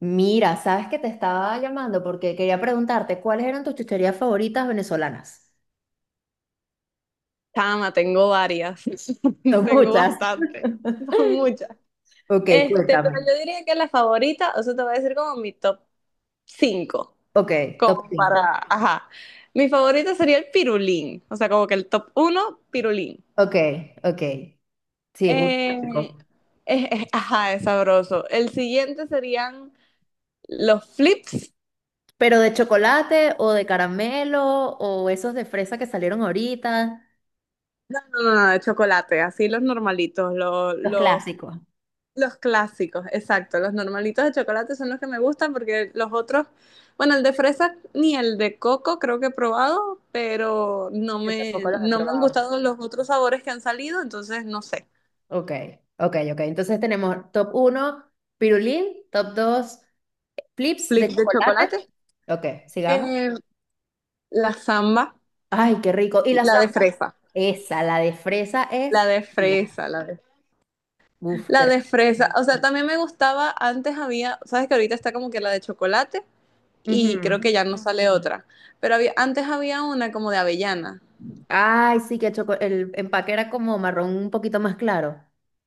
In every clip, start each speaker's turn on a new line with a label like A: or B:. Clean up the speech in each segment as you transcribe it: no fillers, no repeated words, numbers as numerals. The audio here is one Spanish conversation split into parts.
A: Mira, sabes que te estaba llamando porque quería preguntarte cuáles eran tus chucherías favoritas venezolanas.
B: Tama, tengo varias,
A: Son
B: tengo
A: muchas.
B: bastante, son muchas.
A: Ok,
B: Pero
A: cuéntame.
B: yo diría que la favorita, o sea, te voy a decir como mi top 5,
A: Ok, top
B: como
A: 5.
B: para, ajá. Mi favorita sería el pirulín, o sea, como que el top uno, pirulín.
A: Ok, ok. Sí, es un
B: Eh,
A: clásico.
B: ajá, es sabroso. El siguiente serían los flips.
A: Pero de chocolate o de caramelo o esos de fresa que salieron ahorita,
B: No, no, no, de chocolate, así los normalitos, los,
A: los
B: los
A: clásicos.
B: Los clásicos, exacto. Los normalitos de chocolate son los que me gustan porque los otros, bueno, el de fresa ni el de coco creo que he probado, pero no
A: Yo
B: me,
A: tampoco los he
B: no me han
A: probado.
B: gustado los otros sabores que han salido, entonces no sé.
A: Ok, ok, ok. Entonces tenemos top uno pirulín, top 2 flips de
B: Flip de
A: chocolate.
B: chocolate,
A: Ok, sigamos.
B: eh, la samba,
A: Ay, qué rico. Y la
B: la de
A: zamba,
B: fresa,
A: esa, la de fresa
B: la
A: es
B: de
A: divina.
B: fresa,
A: Uf, qué
B: la
A: rico.
B: de fresa. O sea, también me gustaba, antes había, sabes que ahorita está como que la de chocolate y creo
A: Ujú.
B: que ya no sale otra, pero había, antes había una como de avellana.
A: Ay, sí, que el empaque era como marrón un poquito más claro.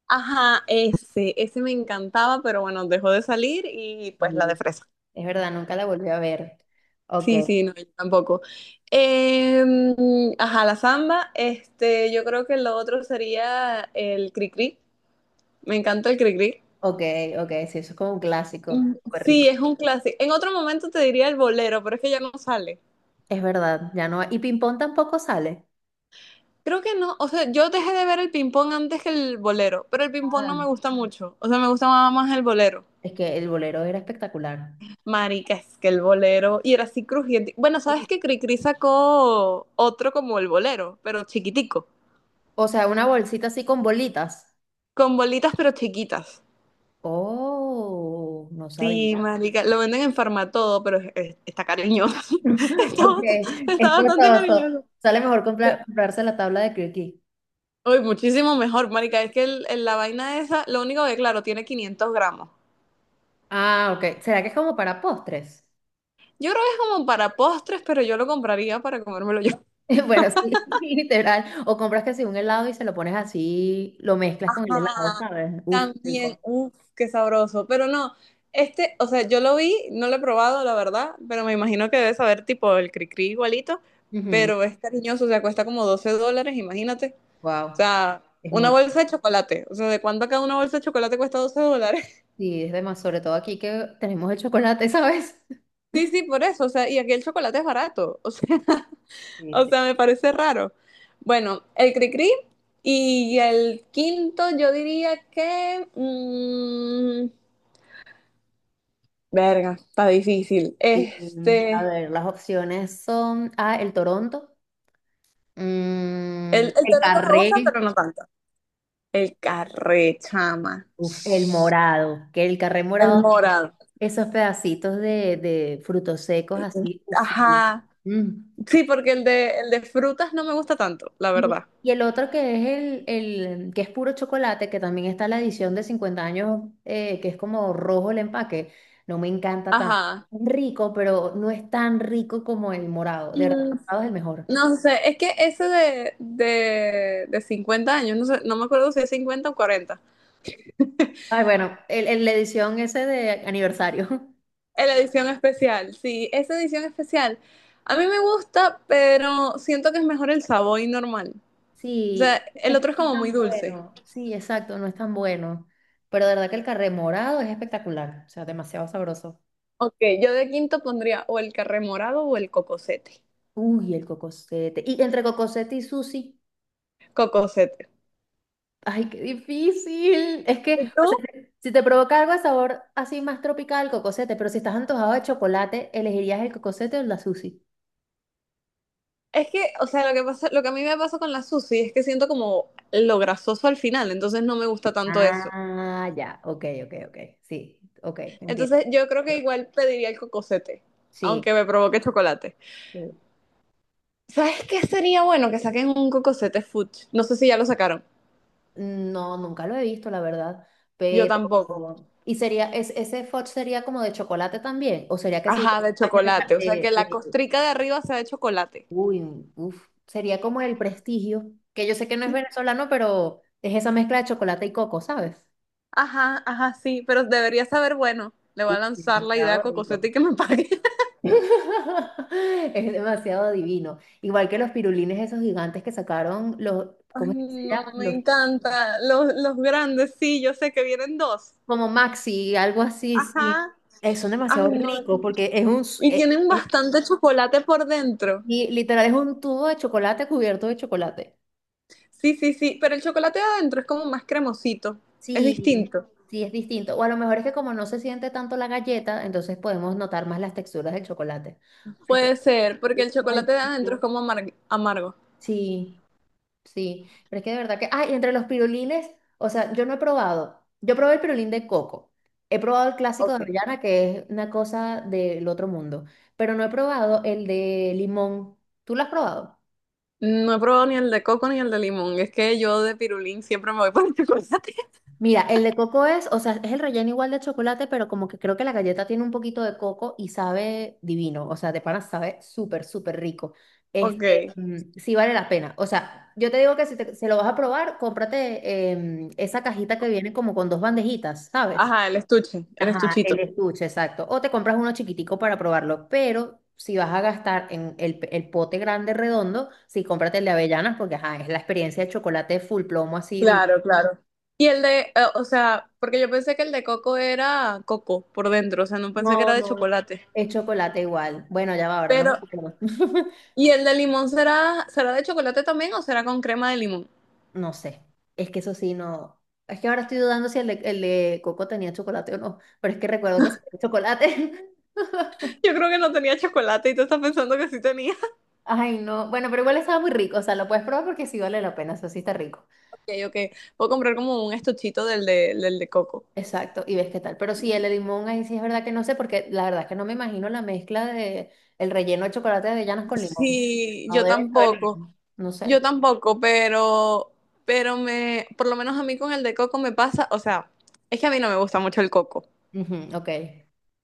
B: Ajá, ese me encantaba, pero bueno, dejó de salir y pues la de
A: Sí.
B: fresa.
A: Es verdad, nunca la volví a ver. Ok,
B: Sí, sí, no, yo tampoco. Ajá, la samba, yo creo que lo otro sería el cri-cri. Me encanta el cri-cri.
A: ok, ok, sí, eso es como un clásico,
B: Mm,
A: súper
B: sí,
A: rico.
B: es un clásico. En otro momento te diría el bolero, pero es que ya no sale.
A: Es verdad, ya no. Y ping-pong tampoco sale.
B: Creo que no, o sea, yo dejé de ver el ping-pong antes que el bolero, pero el ping-pong no me
A: Ah.
B: gusta mucho, o sea, me gusta más el bolero.
A: Es que el bolero era espectacular.
B: Marica, es que el bolero. Y era así crujiente. Bueno, ¿sabes que Cricri sacó otro como el bolero, pero chiquitico?
A: O sea, una bolsita así con bolitas.
B: Con bolitas, pero chiquitas.
A: Oh, no
B: Sí,
A: sabía.
B: marica. Lo venden en Farmatodo, pero está cariñoso. Está,
A: Ok,
B: bast- Está
A: es
B: bastante
A: costoso.
B: cariñoso.
A: Sale mejor comprarse la tabla de croquis.
B: Uy, muchísimo mejor, marica. Es que la vaina esa, lo único que, claro, tiene 500 gramos.
A: Ah, ok. ¿Será que es como para postres?
B: Yo creo que es como para postres, pero yo lo compraría para comérmelo yo.
A: Bueno, sí, literal. O compras que si un helado y se lo pones así, lo mezclas con el helado, ¿sabes? Uf,
B: También,
A: rico.
B: uff, qué sabroso. Pero no, o sea, yo lo vi, no lo he probado, la verdad, pero me imagino que debe saber tipo el cri-cri igualito, pero es cariñoso, o sea, cuesta como $12, imagínate. O
A: Wow,
B: sea,
A: es
B: una
A: mucho.
B: bolsa de chocolate. O sea, ¿de cuánto acá una bolsa de chocolate cuesta $12?
A: Sí, es demás, sobre todo aquí que tenemos el chocolate, ¿sabes?
B: Sí, sí, por eso. O sea, y aquí el chocolate es barato. O sea,
A: Sí,
B: o
A: sí.
B: sea, me parece raro. Bueno, el cri-cri y el quinto, yo diría que... mm, verga, está difícil.
A: Y, mm, a ver, las opciones son, ah, el Toronto,
B: El,
A: mm,
B: el
A: el
B: Toronto me gusta,
A: carré,
B: pero no tanto. El Carré, chama.
A: uf, el morado, que el carré
B: El
A: morado,
B: morado.
A: esos pedacitos de frutos secos así. Uf, mm.
B: Ajá.
A: Mm.
B: Sí, porque el de frutas no me gusta tanto, la
A: Y,
B: verdad.
A: y el otro que es el que es puro chocolate, que también está la edición de 50 años, que es como rojo el empaque, no me encanta tanto.
B: Ajá.
A: Rico, pero no es tan rico como el morado. De verdad, el
B: Mm,
A: morado es el mejor.
B: no sé, es que ese de 50 años, no sé, no me acuerdo si es 50 o 40.
A: Ay, bueno, la edición ese de aniversario.
B: La edición especial, sí, esa edición especial. A mí me gusta, pero siento que es mejor el Savoy normal. O
A: Sí,
B: sea, el
A: es que
B: otro es
A: no es
B: como muy
A: tan
B: dulce.
A: bueno. Sí, exacto, no es tan bueno. Pero de verdad que el carré morado es espectacular, o sea, demasiado sabroso.
B: Ok, yo de quinto pondría o el carré morado o el cocosete.
A: Uy, el cocosete. Y entre cocosete y sushi.
B: Cocosete.
A: Ay, qué difícil. Es que,
B: ¿Y
A: o sea,
B: tú?
A: si te provoca algo de sabor así más tropical, cocosete, pero si estás antojado de chocolate, ¿elegirías el cocosete o la sushi?
B: Es que, o sea, lo que pasa, lo que a mí me pasa con la sushi es que siento como lo grasoso al final, entonces no me gusta tanto eso.
A: Ah, ya, ok, ok, ok. Sí, ok, entiendo.
B: Entonces yo creo que igual pediría el cocosete,
A: Sí.
B: aunque me provoque chocolate.
A: Sí.
B: ¿Sabes qué sería bueno que saquen un cocosete fudge? No sé si ya lo sacaron.
A: No, nunca lo he visto, la verdad.
B: Yo
A: Pero,
B: tampoco.
A: ¿y sería, es, ese fudge sería como de chocolate también? ¿O sería que sí,
B: Ajá,
A: de,
B: de
A: caña de,
B: chocolate. O sea, que la costrica de arriba sea de chocolate.
A: Uy, uf, sería como el prestigio, que yo sé que no es venezolano, pero es esa mezcla de chocolate y coco, ¿sabes?
B: Ajá, ajá, sí, pero debería saber, bueno, le voy a
A: Uf,
B: lanzar la idea a
A: demasiado rico.
B: Cocosete y que me pague.
A: Es demasiado divino. Igual que los pirulines esos gigantes que sacaron los,
B: Ay,
A: ¿cómo es que se
B: no,
A: llaman?
B: me
A: Los,
B: encanta. Los grandes, sí, yo sé que vienen dos.
A: como Maxi, algo así, sí.
B: Ajá.
A: Son
B: Ay,
A: demasiado
B: no.
A: ricos porque es un,
B: Y tienen
A: eh,
B: bastante chocolate por dentro.
A: y literal es un tubo de chocolate cubierto de chocolate.
B: Sí, sí, sí, pero el chocolate de adentro es como más cremosito. Es
A: Sí,
B: distinto.
A: sí, es distinto. O a lo mejor es que como no se siente tanto la galleta, entonces podemos notar más las texturas del chocolate. Ay, pero,
B: Puede ser, porque el
A: ay,
B: chocolate de adentro es
A: chico.
B: como amargo.
A: Sí, sí. Pero es que de verdad que, ay, entre los pirulines, o sea, yo no he probado. Yo probé el pirulín de coco. He probado el clásico de
B: Ok.
A: avellana, que es una cosa del otro mundo. Pero no he probado el de limón. ¿Tú lo has probado?
B: No he probado ni el de coco ni el de limón. Es que yo de pirulín siempre me voy por el chocolate.
A: Mira, el de coco es, o sea, es el relleno igual de chocolate, pero como que creo que la galleta tiene un poquito de coco y sabe divino, o sea, de pana sabe súper, súper rico. Este,
B: Ok.
A: mm, sí vale la pena. O sea, yo te digo que si se lo vas a probar, cómprate esa cajita que viene como con dos bandejitas, ¿sabes?
B: Ajá, el estuche, el
A: Ajá, el
B: estuchito.
A: estuche, exacto. O te compras uno chiquitico para probarlo, pero si vas a gastar en el, el pote grande redondo, sí cómprate el de avellanas porque, ajá, es la experiencia de chocolate full plomo así divino.
B: Claro, claro. Y el de, o sea, porque yo pensé que el de coco era coco por dentro, o sea, no pensé que
A: No,
B: era de
A: no.
B: chocolate.
A: Es chocolate igual. Bueno, ya va, ahora no me
B: Pero,
A: acuerdo.
B: ¿y el de limón será de chocolate también o será con crema de limón?
A: No sé. Es que eso sí, no. Es que ahora estoy dudando si el de coco tenía chocolate o no. Pero es que recuerdo que sí tenía chocolate.
B: Yo creo que no tenía chocolate y tú estás pensando que sí tenía.
A: Ay, no. Bueno, pero igual estaba muy rico. O sea, lo puedes probar porque sí vale la pena. Eso sí está rico.
B: Ok, ok. Puedo comprar como un estuchito del de coco.
A: Exacto. Y ves qué tal. Pero sí, el de limón, ahí sí es verdad que no sé, porque la verdad es que no me imagino la mezcla de el relleno de chocolate de avellanas con limón.
B: Sí,
A: No
B: yo
A: debe saber
B: tampoco.
A: bien. No
B: Yo
A: sé.
B: tampoco, pero por lo menos a mí con el de coco me pasa, o sea, es que a mí no me gusta mucho el coco.
A: Ujú, ok.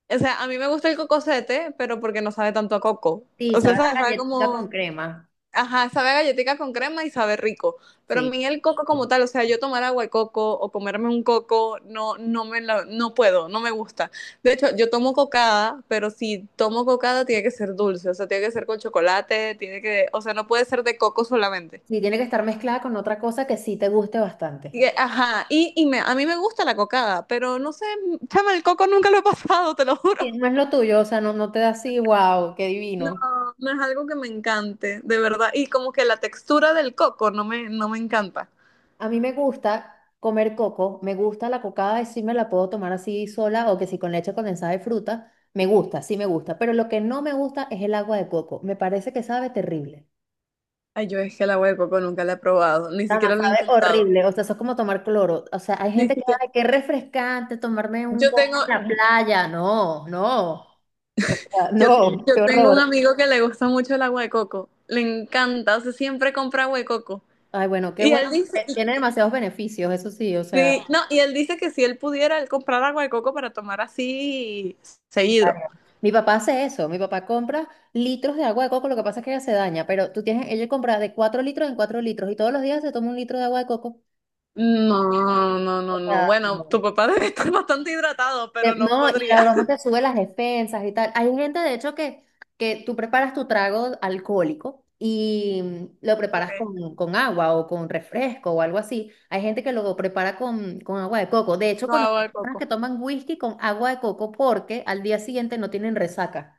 B: O sea, a mí me gusta el cocosete, pero porque no sabe tanto a coco.
A: Sí,
B: O sea,
A: sabes a
B: sabe
A: galletita con
B: como,
A: crema.
B: ajá, sabe a galletica con crema y sabe rico. Pero a
A: Sí.
B: mí el coco como tal, o sea, yo tomar agua de coco o comerme un coco, no, no puedo, no me gusta. De hecho, yo tomo cocada, pero si tomo cocada tiene que ser dulce, o sea, tiene que ser con chocolate, tiene que, o sea, no puede ser de coco solamente.
A: Sí, tiene que estar mezclada con otra cosa que sí te guste bastante.
B: Y, ajá, y a mí me gusta la cocada, pero no sé, chama, el coco nunca lo he pasado, te lo juro.
A: Sí, no es lo tuyo, o sea, no, no te da así, wow, qué
B: No,
A: divino.
B: no es algo que me encante, de verdad. Y como que la textura del coco no me encanta.
A: A mí me gusta comer coco, me gusta la cocada y sí me la puedo tomar así sola o que si con leche condensada de fruta, me gusta, sí me gusta, pero lo que no me gusta es el agua de coco, me parece que sabe terrible.
B: Ay, yo es que el agua de coco nunca la he probado, ni
A: Tama,
B: siquiera lo he
A: sabe
B: intentado.
A: horrible, o sea, eso es como tomar cloro, o sea, hay
B: Ni
A: gente que,
B: siquiera.
A: ay, qué refrescante tomarme un
B: Yo tengo,
A: coco en la playa, no, no, o sea,
B: yo,
A: no,
B: yo
A: qué
B: tengo un
A: horror.
B: amigo que le gusta mucho el agua de coco. Le encanta, o sea, siempre compra agua de coco.
A: Ay, bueno, qué
B: Y
A: bueno.
B: él dice,
A: Tiene demasiados beneficios, eso sí, o sea.
B: sí, no, y él dice que si él pudiera, él comprar agua de coco para tomar así seguido.
A: Varios. Mi papá hace eso, mi papá compra litros de agua de coco, lo que pasa es que ella se daña, pero tú tienes, ella compra de 4 litros en 4 litros y todos los días se toma un litro de agua de coco.
B: No, no,
A: O
B: no, no.
A: sea,
B: Bueno, tu
A: no.
B: papá debe estar bastante hidratado, pero no
A: No, y
B: podría.
A: la broma te sube las defensas y tal. Hay gente, de hecho, que, tú preparas tu trago alcohólico y lo
B: Ok,
A: preparas con agua o con refresco o algo así. Hay gente que lo prepara con agua de coco. De hecho,
B: no,
A: conozco
B: agua de
A: personas que
B: coco.
A: toman whisky con agua de coco porque al día siguiente no tienen resaca.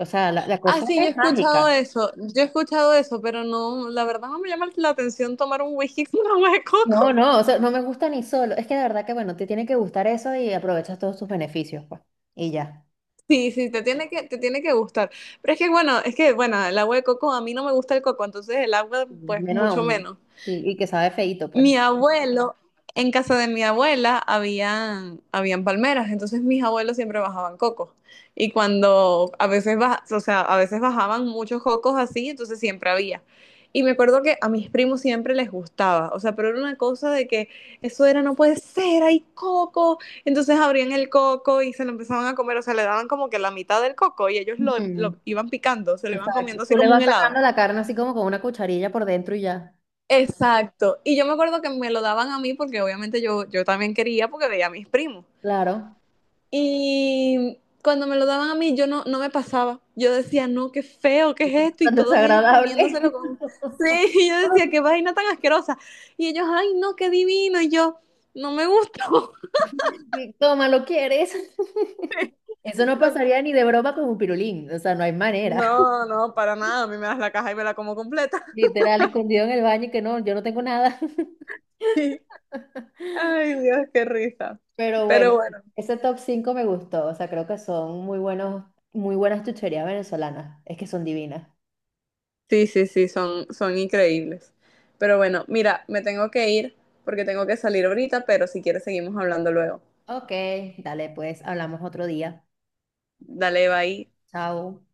A: O sea, la
B: Ah,
A: cosa
B: sí, yo he
A: es mágica.
B: escuchado eso, yo he escuchado eso, pero no, la verdad no me llama la atención tomar un whisky con agua de coco.
A: No, no, o sea, no me gusta ni solo. Es que de verdad que, bueno, te tiene que gustar eso y aprovechas todos sus beneficios, pues. Y ya.
B: Sí, sí, te tiene que gustar. Pero es que, bueno, el agua de coco, a mí no me gusta el coco, entonces el agua, pues,
A: Menos
B: mucho
A: aún.
B: menos.
A: Sí, y que sabe feíto, pues.
B: Mi abuelo, en casa de mi abuela habían palmeras, entonces mis abuelos siempre bajaban cocos. Y cuando a veces, o sea, a veces bajaban muchos cocos así, entonces siempre había. Y me acuerdo que a mis primos siempre les gustaba, o sea, pero era una cosa de que eso era, no puede ser, hay coco. Entonces abrían el coco y se lo empezaban a comer, o sea, le daban como que la mitad del coco y ellos lo,
A: Ujú.
B: lo iban picando, se lo iban
A: Exacto.
B: comiendo
A: Tú
B: así
A: le
B: como un
A: vas
B: helado.
A: sacando la carne así como con una cucharilla por dentro y ya.
B: Exacto. Y yo me acuerdo que me lo daban a mí porque obviamente yo también quería porque veía a mis primos.
A: Claro.
B: Y cuando me lo daban a mí yo no me pasaba. Yo decía, no, qué feo, qué
A: Es
B: es esto. Y
A: tan
B: todos ellos
A: desagradable.
B: comiéndoselo con. Sí, y yo decía, qué vaina tan asquerosa. Y ellos, ay, no, qué divino. Y yo, no me gustó.
A: Toma, ¿lo quieres? Eso no pasaría ni de broma con un pirulín. O sea, no hay manera.
B: No, no, para nada. A mí me das la caja y me la como completa.
A: Literal, escondido en el baño y que no, yo no tengo nada.
B: Ay, Dios, qué risa.
A: Pero bueno,
B: Pero bueno.
A: ese top 5 me gustó. O sea, creo que son muy buenos, muy buenas chucherías venezolanas. Es que son divinas.
B: Sí, sí, sí, son increíbles. Pero bueno, mira, me tengo que ir porque tengo que salir ahorita, pero si quieres seguimos hablando luego.
A: Ok, dale, pues hablamos otro día.
B: Dale, bye.
A: Chao.